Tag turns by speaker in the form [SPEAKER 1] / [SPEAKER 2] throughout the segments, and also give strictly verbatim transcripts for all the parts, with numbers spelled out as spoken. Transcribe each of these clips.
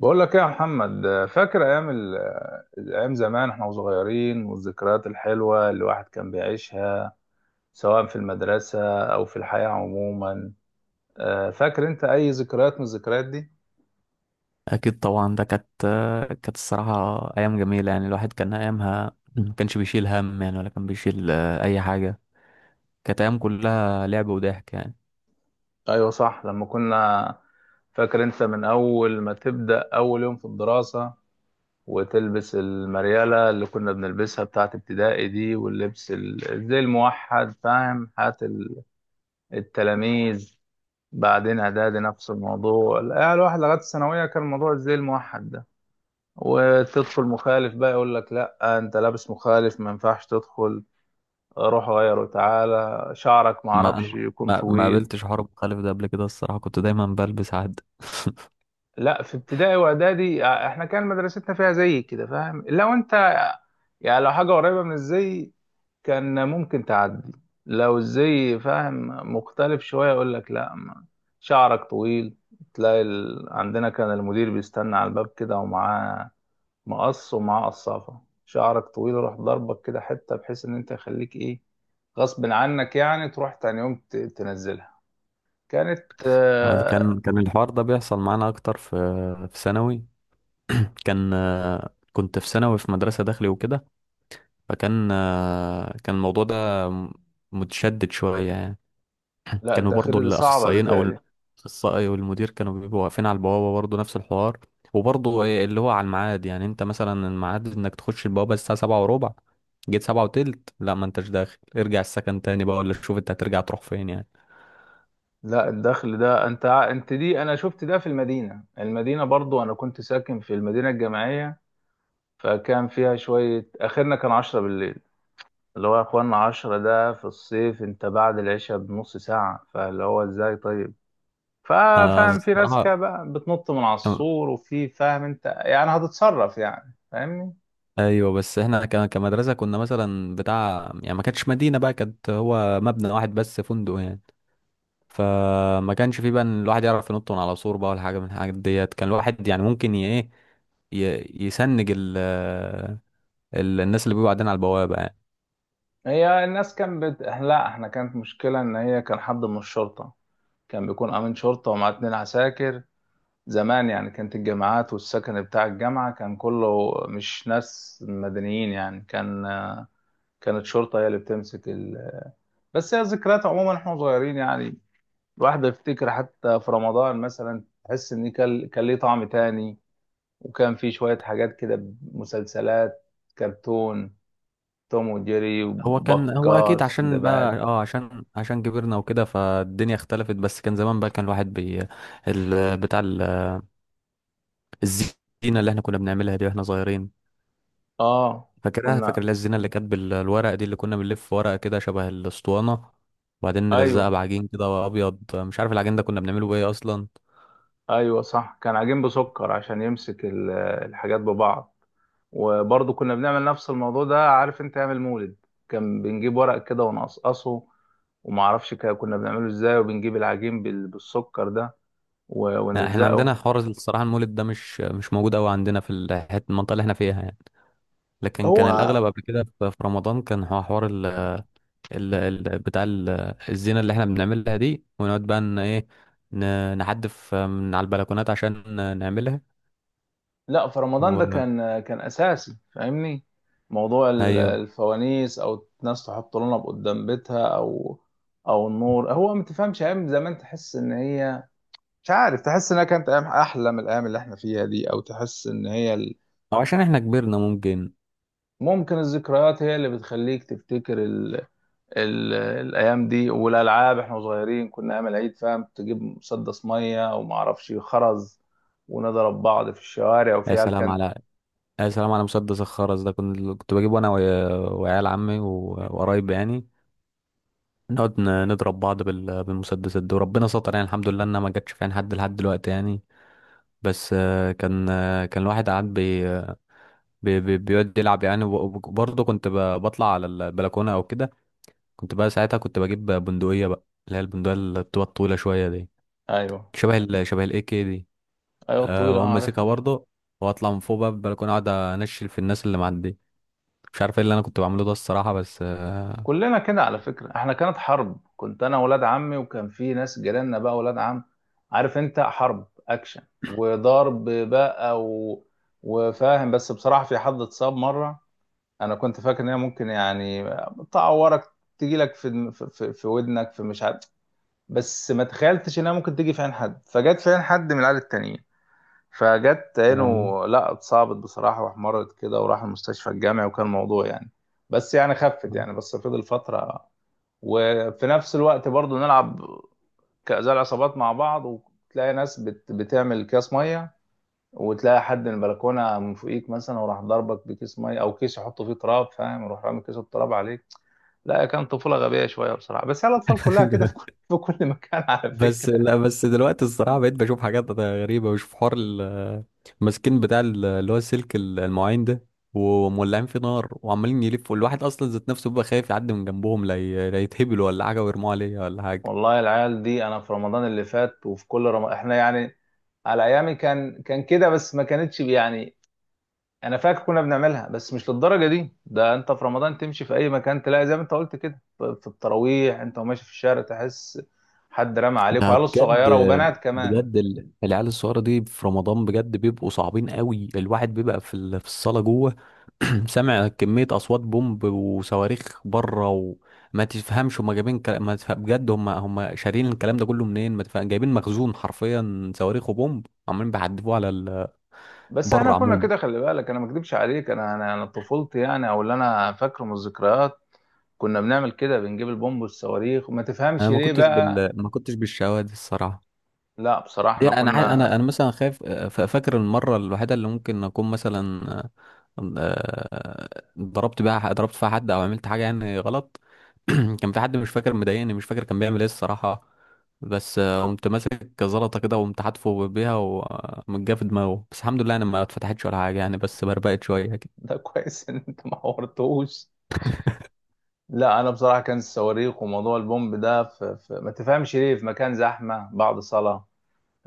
[SPEAKER 1] بقول لك ايه يا محمد، فاكر ايام ال- ايام زمان احنا وصغيرين، والذكريات الحلوه اللي الواحد كان بيعيشها سواء في المدرسه او في الحياه عموما. آه، فاكر انت اي ذكريات من الذكريات دي؟
[SPEAKER 2] اكيد طبعا، ده كانت كانت الصراحه ايام جميله يعني. الواحد كان ايامها ما كانش بيشيل هم يعني، ولا كان بيشيل آه، اي حاجه. كانت ايام كلها لعب وضحك يعني.
[SPEAKER 1] ايوه صح. لما كنا فاكر انت من اول ما تبدا اول يوم في الدراسه، وتلبس المرياله اللي كنا بنلبسها بتاعت ابتدائي دي، واللبس ال- زي الموحد، فاهم؟ حياه ال- التلاميذ. بعدين اعدادي نفس الموضوع، يعني الواحد لغايه الثانويه كان الموضوع زي الموحد ده، وتدخل مخالف بقى يقول لك لا انت لابس مخالف ما ينفعش تدخل، روح غيره، تعالى شعرك ما
[SPEAKER 2] ما انا
[SPEAKER 1] اعرفش يكون
[SPEAKER 2] ما ما
[SPEAKER 1] طويل.
[SPEAKER 2] قابلتش حوار مخالف ده قبل كده الصراحه، كنت دايما بلبس عد.
[SPEAKER 1] لا في ابتدائي واعدادي، آه، احنا كان مدرستنا فيها زي كده، فاهم؟ لو انت يعني لو حاجه قريبه من الزي كان ممكن تعدي، لو الزي فاهم مختلف شويه يقول لك لا، ما- شعرك طويل. تلاقي ال... عندنا كان المدير بيستنى على الباب كده ومعاه مقص ومعاه قصافه، شعرك طويل روح، ضربك كده حته بحيث ان انت يخليك ايه غصب عنك، يعني تروح تاني يوم ت- تنزلها. كانت
[SPEAKER 2] آه،
[SPEAKER 1] آه،
[SPEAKER 2] كان كان الحوار ده بيحصل معانا اكتر في في ثانوي. كان آه، كنت في ثانوي في مدرسه داخلي وكده. فكان آه، كان الموضوع ده متشدد شويه يعني.
[SPEAKER 1] لا
[SPEAKER 2] كانوا برضو
[SPEAKER 1] الداخلي دي صعبه
[SPEAKER 2] الاخصائيين او
[SPEAKER 1] بتاعي.
[SPEAKER 2] الاخصائي والمدير كانوا بيبقوا واقفين على البوابه، برضو نفس الحوار. وبرضو إيه اللي هو على الميعاد، يعني انت مثلا الميعاد انك تخش البوابه الساعه سبعة وربع، جيت سبعة وتلت، لا ما انتش داخل، ارجع السكن تاني بقى، ولا شوف انت هترجع تروح فين يعني.
[SPEAKER 1] لا الدخل ده انت ع- انت دي، انا شفت ده في المدينة المدينة برضو، انا كنت ساكن في المدينة الجامعية، فكان فيها شوية، اخرنا كان عشرة بالليل، اللي هو يا اخوانا عشرة ده في الصيف، انت بعد العشاء بنص ساعة، فاللي هو ازاي طيب؟
[SPEAKER 2] آه،
[SPEAKER 1] ففاهم في ناس
[SPEAKER 2] الصراحه
[SPEAKER 1] كده بقى بتنط من على
[SPEAKER 2] كان-
[SPEAKER 1] السور، وفي فاهم انت، يعني هتتصرف يعني، فاهمني؟
[SPEAKER 2] ايوه بس احنا ك- كمدرسه كنا مثلا بتاع يعني، ما كانتش مدينه بقى، كانت هو مبنى واحد بس، فندق يعني. فما كانش في بقى إن الواحد يعرف ينط من على سور بقى ولا حاجه من الحاجات ديت. كان الواحد يعني ممكن ي- ايه ي- يسنج ال ال- الناس اللي بيبقوا قاعدين على البوابه يعني.
[SPEAKER 1] هي الناس كان بت... لا احنا كانت مشكلة ان هي كان حد من الشرطة، كان بيكون امين شرطة ومعاه اتنين عساكر. زمان يعني كانت الجامعات والسكن بتاع الجامعة كان كله مش ناس مدنيين يعني، كان كانت شرطة هي اللي بتمسك ال... بس هي ذكريات عموما احنا صغيرين يعني. الواحد يفتكر حتى في رمضان مثلا تحس ان كان كان ليه طعم تاني، وكان في شوية حاجات كده: مسلسلات، كرتون، توم وجيري
[SPEAKER 2] هو كان هو
[SPEAKER 1] وبكار
[SPEAKER 2] اكيد، عشان بقى
[SPEAKER 1] سندباد.
[SPEAKER 2] اه عشان عشان كبرنا وكده فالدنيا اختلفت. بس كان زمان بقى، كان الواحد بي ال بتاع ال- الزينه اللي احنا كنا بنعملها دي واحنا صغيرين.
[SPEAKER 1] اه
[SPEAKER 2] فاكرها فاكر
[SPEAKER 1] كنا.
[SPEAKER 2] اللي هي الزينه اللي كانت بالورق دي، اللي كنا بنلف ورقه كده شبه الاسطوانه، وبعدين نلزقها
[SPEAKER 1] ايوه.
[SPEAKER 2] بعجين كده ابيض. مش عارف العجين ده كنا بنعمله بايه اصلا.
[SPEAKER 1] ايوه صح، كان عجين بسكر عشان يمسك ال- الحاجات ببعض. وبرضه كنا بنعمل نفس الموضوع ده، عارف انت اعمل مولد، كان بنجيب ورق كده ونقصقصه، وما اعرفش كا- كنا بنعمله ازاي، وبنجيب العجين بال- بالسكر ده و-
[SPEAKER 2] احنا عندنا
[SPEAKER 1] ونلزقه.
[SPEAKER 2] حوار الصراحه، المولد ده مش مش موجود قوي عندنا في الحته المنطقه اللي احنا فيها يعني. لكن كان
[SPEAKER 1] هو
[SPEAKER 2] الاغلب قبل كده في في رمضان كان هو حوار ال ال ال بتاع ال- الزينه اللي احنا بنعملها دي، ونقعد بقى ان ايه، ن- نحدف من على البلكونات عشان نعملها.
[SPEAKER 1] لا، في رمضان ده
[SPEAKER 2] و...
[SPEAKER 1] كان كان اساسي فاهمني، موضوع ال-
[SPEAKER 2] ايوه،
[SPEAKER 1] الفوانيس، او الناس تحط لنا قدام بيتها، او او النور، هو ما تفهمش ايام زمان تحس ان هي، مش عارف، تحس انها كانت ايام احلى من الايام اللي احنا فيها دي، او تحس ان هي ال...
[SPEAKER 2] او عشان احنا كبرنا ممكن.
[SPEAKER 1] ممكن الذكريات هي اللي بتخليك تفتكر ال... ال... الايام دي. والالعاب، احنا صغيرين كنا ايام العيد فاهم، تجيب مسدس ميه وما اعرفش خرز، ونضرب بعض في الشوارع،
[SPEAKER 2] يا
[SPEAKER 1] وفي عيال
[SPEAKER 2] سلام
[SPEAKER 1] كانت.
[SPEAKER 2] على يا سلام على مسدس الخرز ده، كنت كنت بجيبه انا ويا- وعيال عمي و- وقرايب يعني، نقعد ن- نضرب بعض بال- بالمسدسات دي. وربنا ستر يعني، الحمد لله انها ما جاتش في عين حد لحد دلوقتي يعني. بس آه، كان آه، كان الواحد قاعد بي بي بي- بيقعد يلعب يعني، وبرضه كنت ب- بطلع على البلكونة أو كده. كنت بقى ساعتها كنت بجيب بندقية بقى، اللي هي البندقية اللي بتبقى طويلة شوية دي،
[SPEAKER 1] ايوه.
[SPEAKER 2] شبه ال شبه الإي كي دي.
[SPEAKER 1] ايوه
[SPEAKER 2] أه
[SPEAKER 1] الطويله
[SPEAKER 2] وأقوم
[SPEAKER 1] اه
[SPEAKER 2] ماسكها
[SPEAKER 1] عارفها.
[SPEAKER 2] برضه، وأطلع من فوق بقى البلكونة، أقعد أنشل في الناس اللي معدية. مش عارف إيه اللي أنا كنت بعمله ده الصراحة، بس. آه،
[SPEAKER 1] كلنا كده على فكرة، احنا كانت حرب، كنت انا ولاد عمي، وكان في ناس جيراننا بقى ولاد عم، عارف انت حرب اكشن وضرب بقى و... وفاهم. بس بصراحة في حد اتصاب مرة، انا كنت فاكر ان هي ممكن يعني تعورك، تجيلك في في في ودنك في مش عارف، بس ما تخيلتش انها ممكن تيجي في عين حد، فجت في عين حد من العيال التانيين، فجت عينه.
[SPEAKER 2] آه.
[SPEAKER 1] لا اتصابت بصراحة واحمرت كده، وراح المستشفى الجامعي وكان الموضوع يعني، بس يعني خفت يعني، بس فضل فترة. وفي نفس الوقت برضو نلعب كأزاء العصابات مع بعض، وتلاقي ناس بت... بتعمل اكياس ميه، وتلاقي حد من البلكونه من فوقيك مثلا وراح ضربك بكيس ميه، او كيس يحطه فيه تراب فاهم، يروح رامي كيس التراب عليك. لا كان طفوله غبيه شويه بصراحه، بس هي الاطفال كلها كده في كل في كل مكان على
[SPEAKER 2] بس
[SPEAKER 1] فكره.
[SPEAKER 2] لا، بس دلوقتي الصراحه بقيت بشوف حاجات غريبه، بشوف حوار ال- الماسكين بتاع ال- اللي هو السلك ال- المواعين ده، ومولعين فيه نار، وعمالين يلفوا. الواحد اصلا ذات نفسه بيبقى خايف يعدي من جنبهم، لا ي- لا يتهبلوا ولا حاجه ويرموا عليه ولا حاجه.
[SPEAKER 1] والله العيال دي انا في رمضان اللي فات وفي كل رمضان احنا يعني، على ايامي كان كان كده بس ما كانتش يعني، انا فاكر كنا بنعملها بس مش للدرجه دي. ده انت في رمضان تمشي في اي مكان تلاقي زي ما انت قلت كده، ف- في التراويح انت وماشي في الشارع تحس حد رمى عليك،
[SPEAKER 2] ده
[SPEAKER 1] وعيال
[SPEAKER 2] بجد،
[SPEAKER 1] صغيره وبنات كمان.
[SPEAKER 2] بجد ال- العيال الصغيرة دي في رمضان بجد بيبقوا صعبين قوي. الواحد بيبقى في ال- في الصالة جوه، سامع كمية أصوات بومب وصواريخ بره. وما تفهمش هما جايبين كلا... ما تفهم بجد، هما هما شارين الكلام ده كله منين. ما تفهم جايبين مخزون حرفيا، صواريخ وبومب عمالين بيحدفوه على ال...
[SPEAKER 1] بس احنا
[SPEAKER 2] بره
[SPEAKER 1] كنا
[SPEAKER 2] عموما.
[SPEAKER 1] كده خلي بالك، انا ما اكدبش عليك، انا انا انا طفولتي يعني، او اللي انا فاكره من الذكريات كنا بنعمل كده، بنجيب البومب والصواريخ وما تفهمش
[SPEAKER 2] أنا ما
[SPEAKER 1] ليه
[SPEAKER 2] كنتش
[SPEAKER 1] بقى.
[SPEAKER 2] بال ما كنتش بالشواذ الصراحة.
[SPEAKER 1] لا بصراحه
[SPEAKER 2] هي
[SPEAKER 1] احنا
[SPEAKER 2] انا ع- انا
[SPEAKER 1] كنا.
[SPEAKER 2] انا مثلا خايف. آه، ف- فاكر المره الوحيده اللي ممكن اكون مثلا آه، آه، ضربت بيها ضربت فيها حد او عملت حاجه يعني غلط. كان في حد مش فاكر مضايقني، مش فاكر كان بيعمل ايه الصراحه، بس آه، قمت ماسك زلطه كده، وقمت حاتفه بيها ومجاه في دماغه. بس الحمد لله انا ما اتفتحتش ولا حاجه يعني، بس بربقت شويه كده.
[SPEAKER 1] ده كويس ان انت ما حورتوش. لا انا بصراحه، كان الصواريخ وموضوع البومب ده في... في... ما تفهمش ليه، في مكان زحمه بعد صلاه،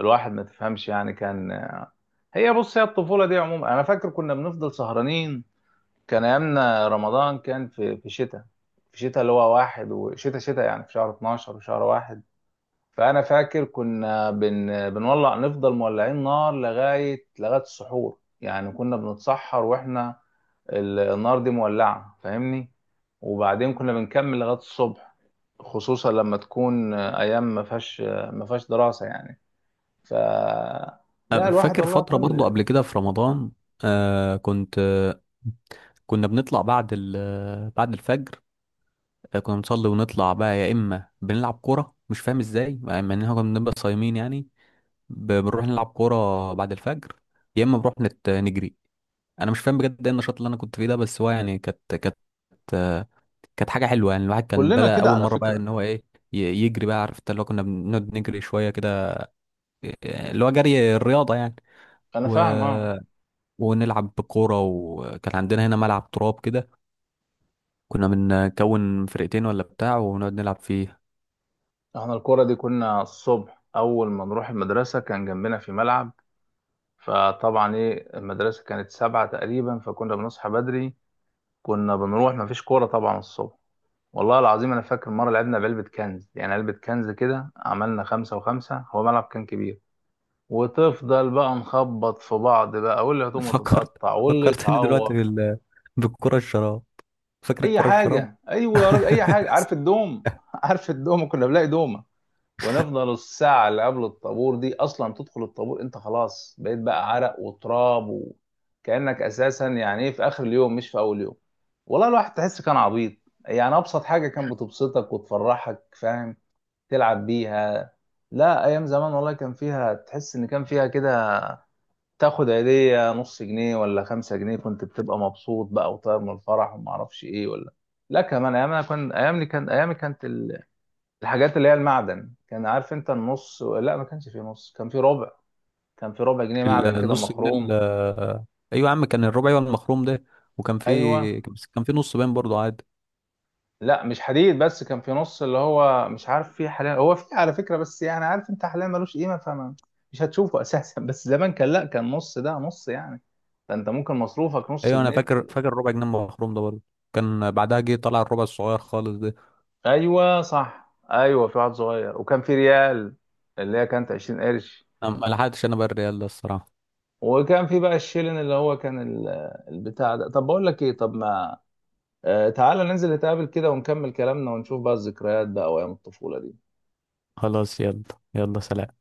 [SPEAKER 1] الواحد ما تفهمش يعني كان. هي بص، هي الطفولة دي عموما أنا فاكر كنا بنفضل سهرانين. كان أيامنا رمضان كان في في شتاء في شتاء، اللي هو واحد، وشتاء شتاء يعني في شهر اتناشر وشهر واحد، فأنا فاكر كنا بن بنولع، نفضل مولعين نار لغاية لغاية السحور، يعني كنا بنتسحر وإحنا ال- النار دي مولعة فاهمني، وبعدين كنا بنكمل لغاية الصبح، خصوصا لما تكون أيام ما فيهاش ما فيهاش دراسة يعني. ف لا
[SPEAKER 2] آه،
[SPEAKER 1] الواحد
[SPEAKER 2] فاكر
[SPEAKER 1] والله
[SPEAKER 2] فتره برضو
[SPEAKER 1] كل.
[SPEAKER 2] قبل كده في رمضان. آه، كنت آه، كنا بنطلع بعد ال- آه، بعد الفجر. فكنا بنصلي ونطلع بقى، يا اما بنلعب كوره مش فاهم ازاي، مع ان احنا كنا بنبقى صايمين يعني. ب- بنروح نلعب كوره بعد الفجر، يا اما بنروح نت... نجري. انا مش فاهم بجد ايه النشاط اللي انا كنت فيه ده، بس هو يعني كانت كانت كانت حاجه حلوه يعني. الواحد كان
[SPEAKER 1] كلنا
[SPEAKER 2] بدأ
[SPEAKER 1] كده
[SPEAKER 2] اول
[SPEAKER 1] على
[SPEAKER 2] مره بقى
[SPEAKER 1] فكرة.
[SPEAKER 2] ان هو ايه، ي- يجري بقى، عرفت اللي هو كنا بنقعد نجري شويه كده، اللي هو جري الرياضه يعني.
[SPEAKER 1] انا
[SPEAKER 2] و...
[SPEAKER 1] فاهم اه.
[SPEAKER 2] ونلعب كوره، وكان عندنا هنا ملعب تراب كده، كنا بنكون فرقتين ولا بتاع، ونقعد نلعب فيه.
[SPEAKER 1] احنا الكرة دي، كنا الصبح اول ما نروح المدرسة كان جنبنا في ملعب، فطبعا ايه المدرسة كانت سبعة تقريبا فكنا بنصحى بدري، كنا بنروح مفيش كورة طبعا الصبح. والله العظيم انا فاكر مرة لعبنا بعلبة كنز، يعني علبة كنز كده، عملنا خمسة وخمسة، هو ملعب كان كبير، وتفضل بقى نخبط في بعض بقى، واللي هتقوم
[SPEAKER 2] فكرت
[SPEAKER 1] تتقطع واللي
[SPEAKER 2] فكرتني دلوقتي
[SPEAKER 1] يتعور.
[SPEAKER 2] بال... بالكرة الشراب. فاكر
[SPEAKER 1] اي
[SPEAKER 2] الكرة الشراب؟
[SPEAKER 1] حاجه، ايوه يا راجل اي حاجه. عارف الدوم؟ عارف الدوم، كنا بنلاقي دومه، ونفضل الساعه اللي قبل الطابور دي، اصلا تدخل الطابور انت خلاص بقيت بقى عرق وتراب، وكانك اساسا يعني ايه في اخر اليوم مش في اول يوم. والله الواحد تحس كان عبيط يعني، ابسط حاجه كان بتبسطك وتفرحك فاهم، تلعب بيها. لا ايام زمان والله كان فيها، تحس ان كان فيها كده تاخد هدية نص جنيه ولا خمسة جنيه، كنت بتبقى مبسوط بقى وطاير من الفرح وما اعرفش ايه ولا. لا كمان ايام، انا كان ايامي كان ايامي كانت ال- الحاجات اللي هي المعدن، كان عارف انت النص، لا ما كانش فيه نص كان فيه ربع، كان فيه ربع جنيه
[SPEAKER 2] ال-
[SPEAKER 1] معدن كده
[SPEAKER 2] النص جنيه
[SPEAKER 1] مخروم.
[SPEAKER 2] ال- ايوه يا عم، كان الربع، ايوه المخروم ده. وكان
[SPEAKER 1] ايوه.
[SPEAKER 2] في، بس كان في نص باين برضه عادي.
[SPEAKER 1] لا مش حديد، بس كان فيه نص اللي هو مش عارف فيه حاليا، هو فيه على فكرة بس يعني عارف انت حاليا ملوش قيمة فما مش هتشوفه اساسا. بس زمان كان، لا كان نص ده نص يعني، فانت ممكن مصروفك نص
[SPEAKER 2] ايوه انا
[SPEAKER 1] جنيه.
[SPEAKER 2] فاكر فاكر الربع جنيه المخروم ده برضه. كان بعدها جه طلع الربع الصغير خالص ده.
[SPEAKER 1] ايوه صح ايوه، في واحد صغير، وكان في ريال اللي هي كانت عشرين قرش،
[SPEAKER 2] أنا ما لحقتش انا بقى الريال ده الصراحة.
[SPEAKER 1] وكان في بقى الشيلن اللي هو كان ال- البتاع ده. طب بقول لك ايه، طب ما آه تعالى ننزل نتقابل كده ونكمل كلامنا، ونشوف بقى الذكريات بقى وايام الطفولة دي.
[SPEAKER 2] خلاص يلا. يلا سلام.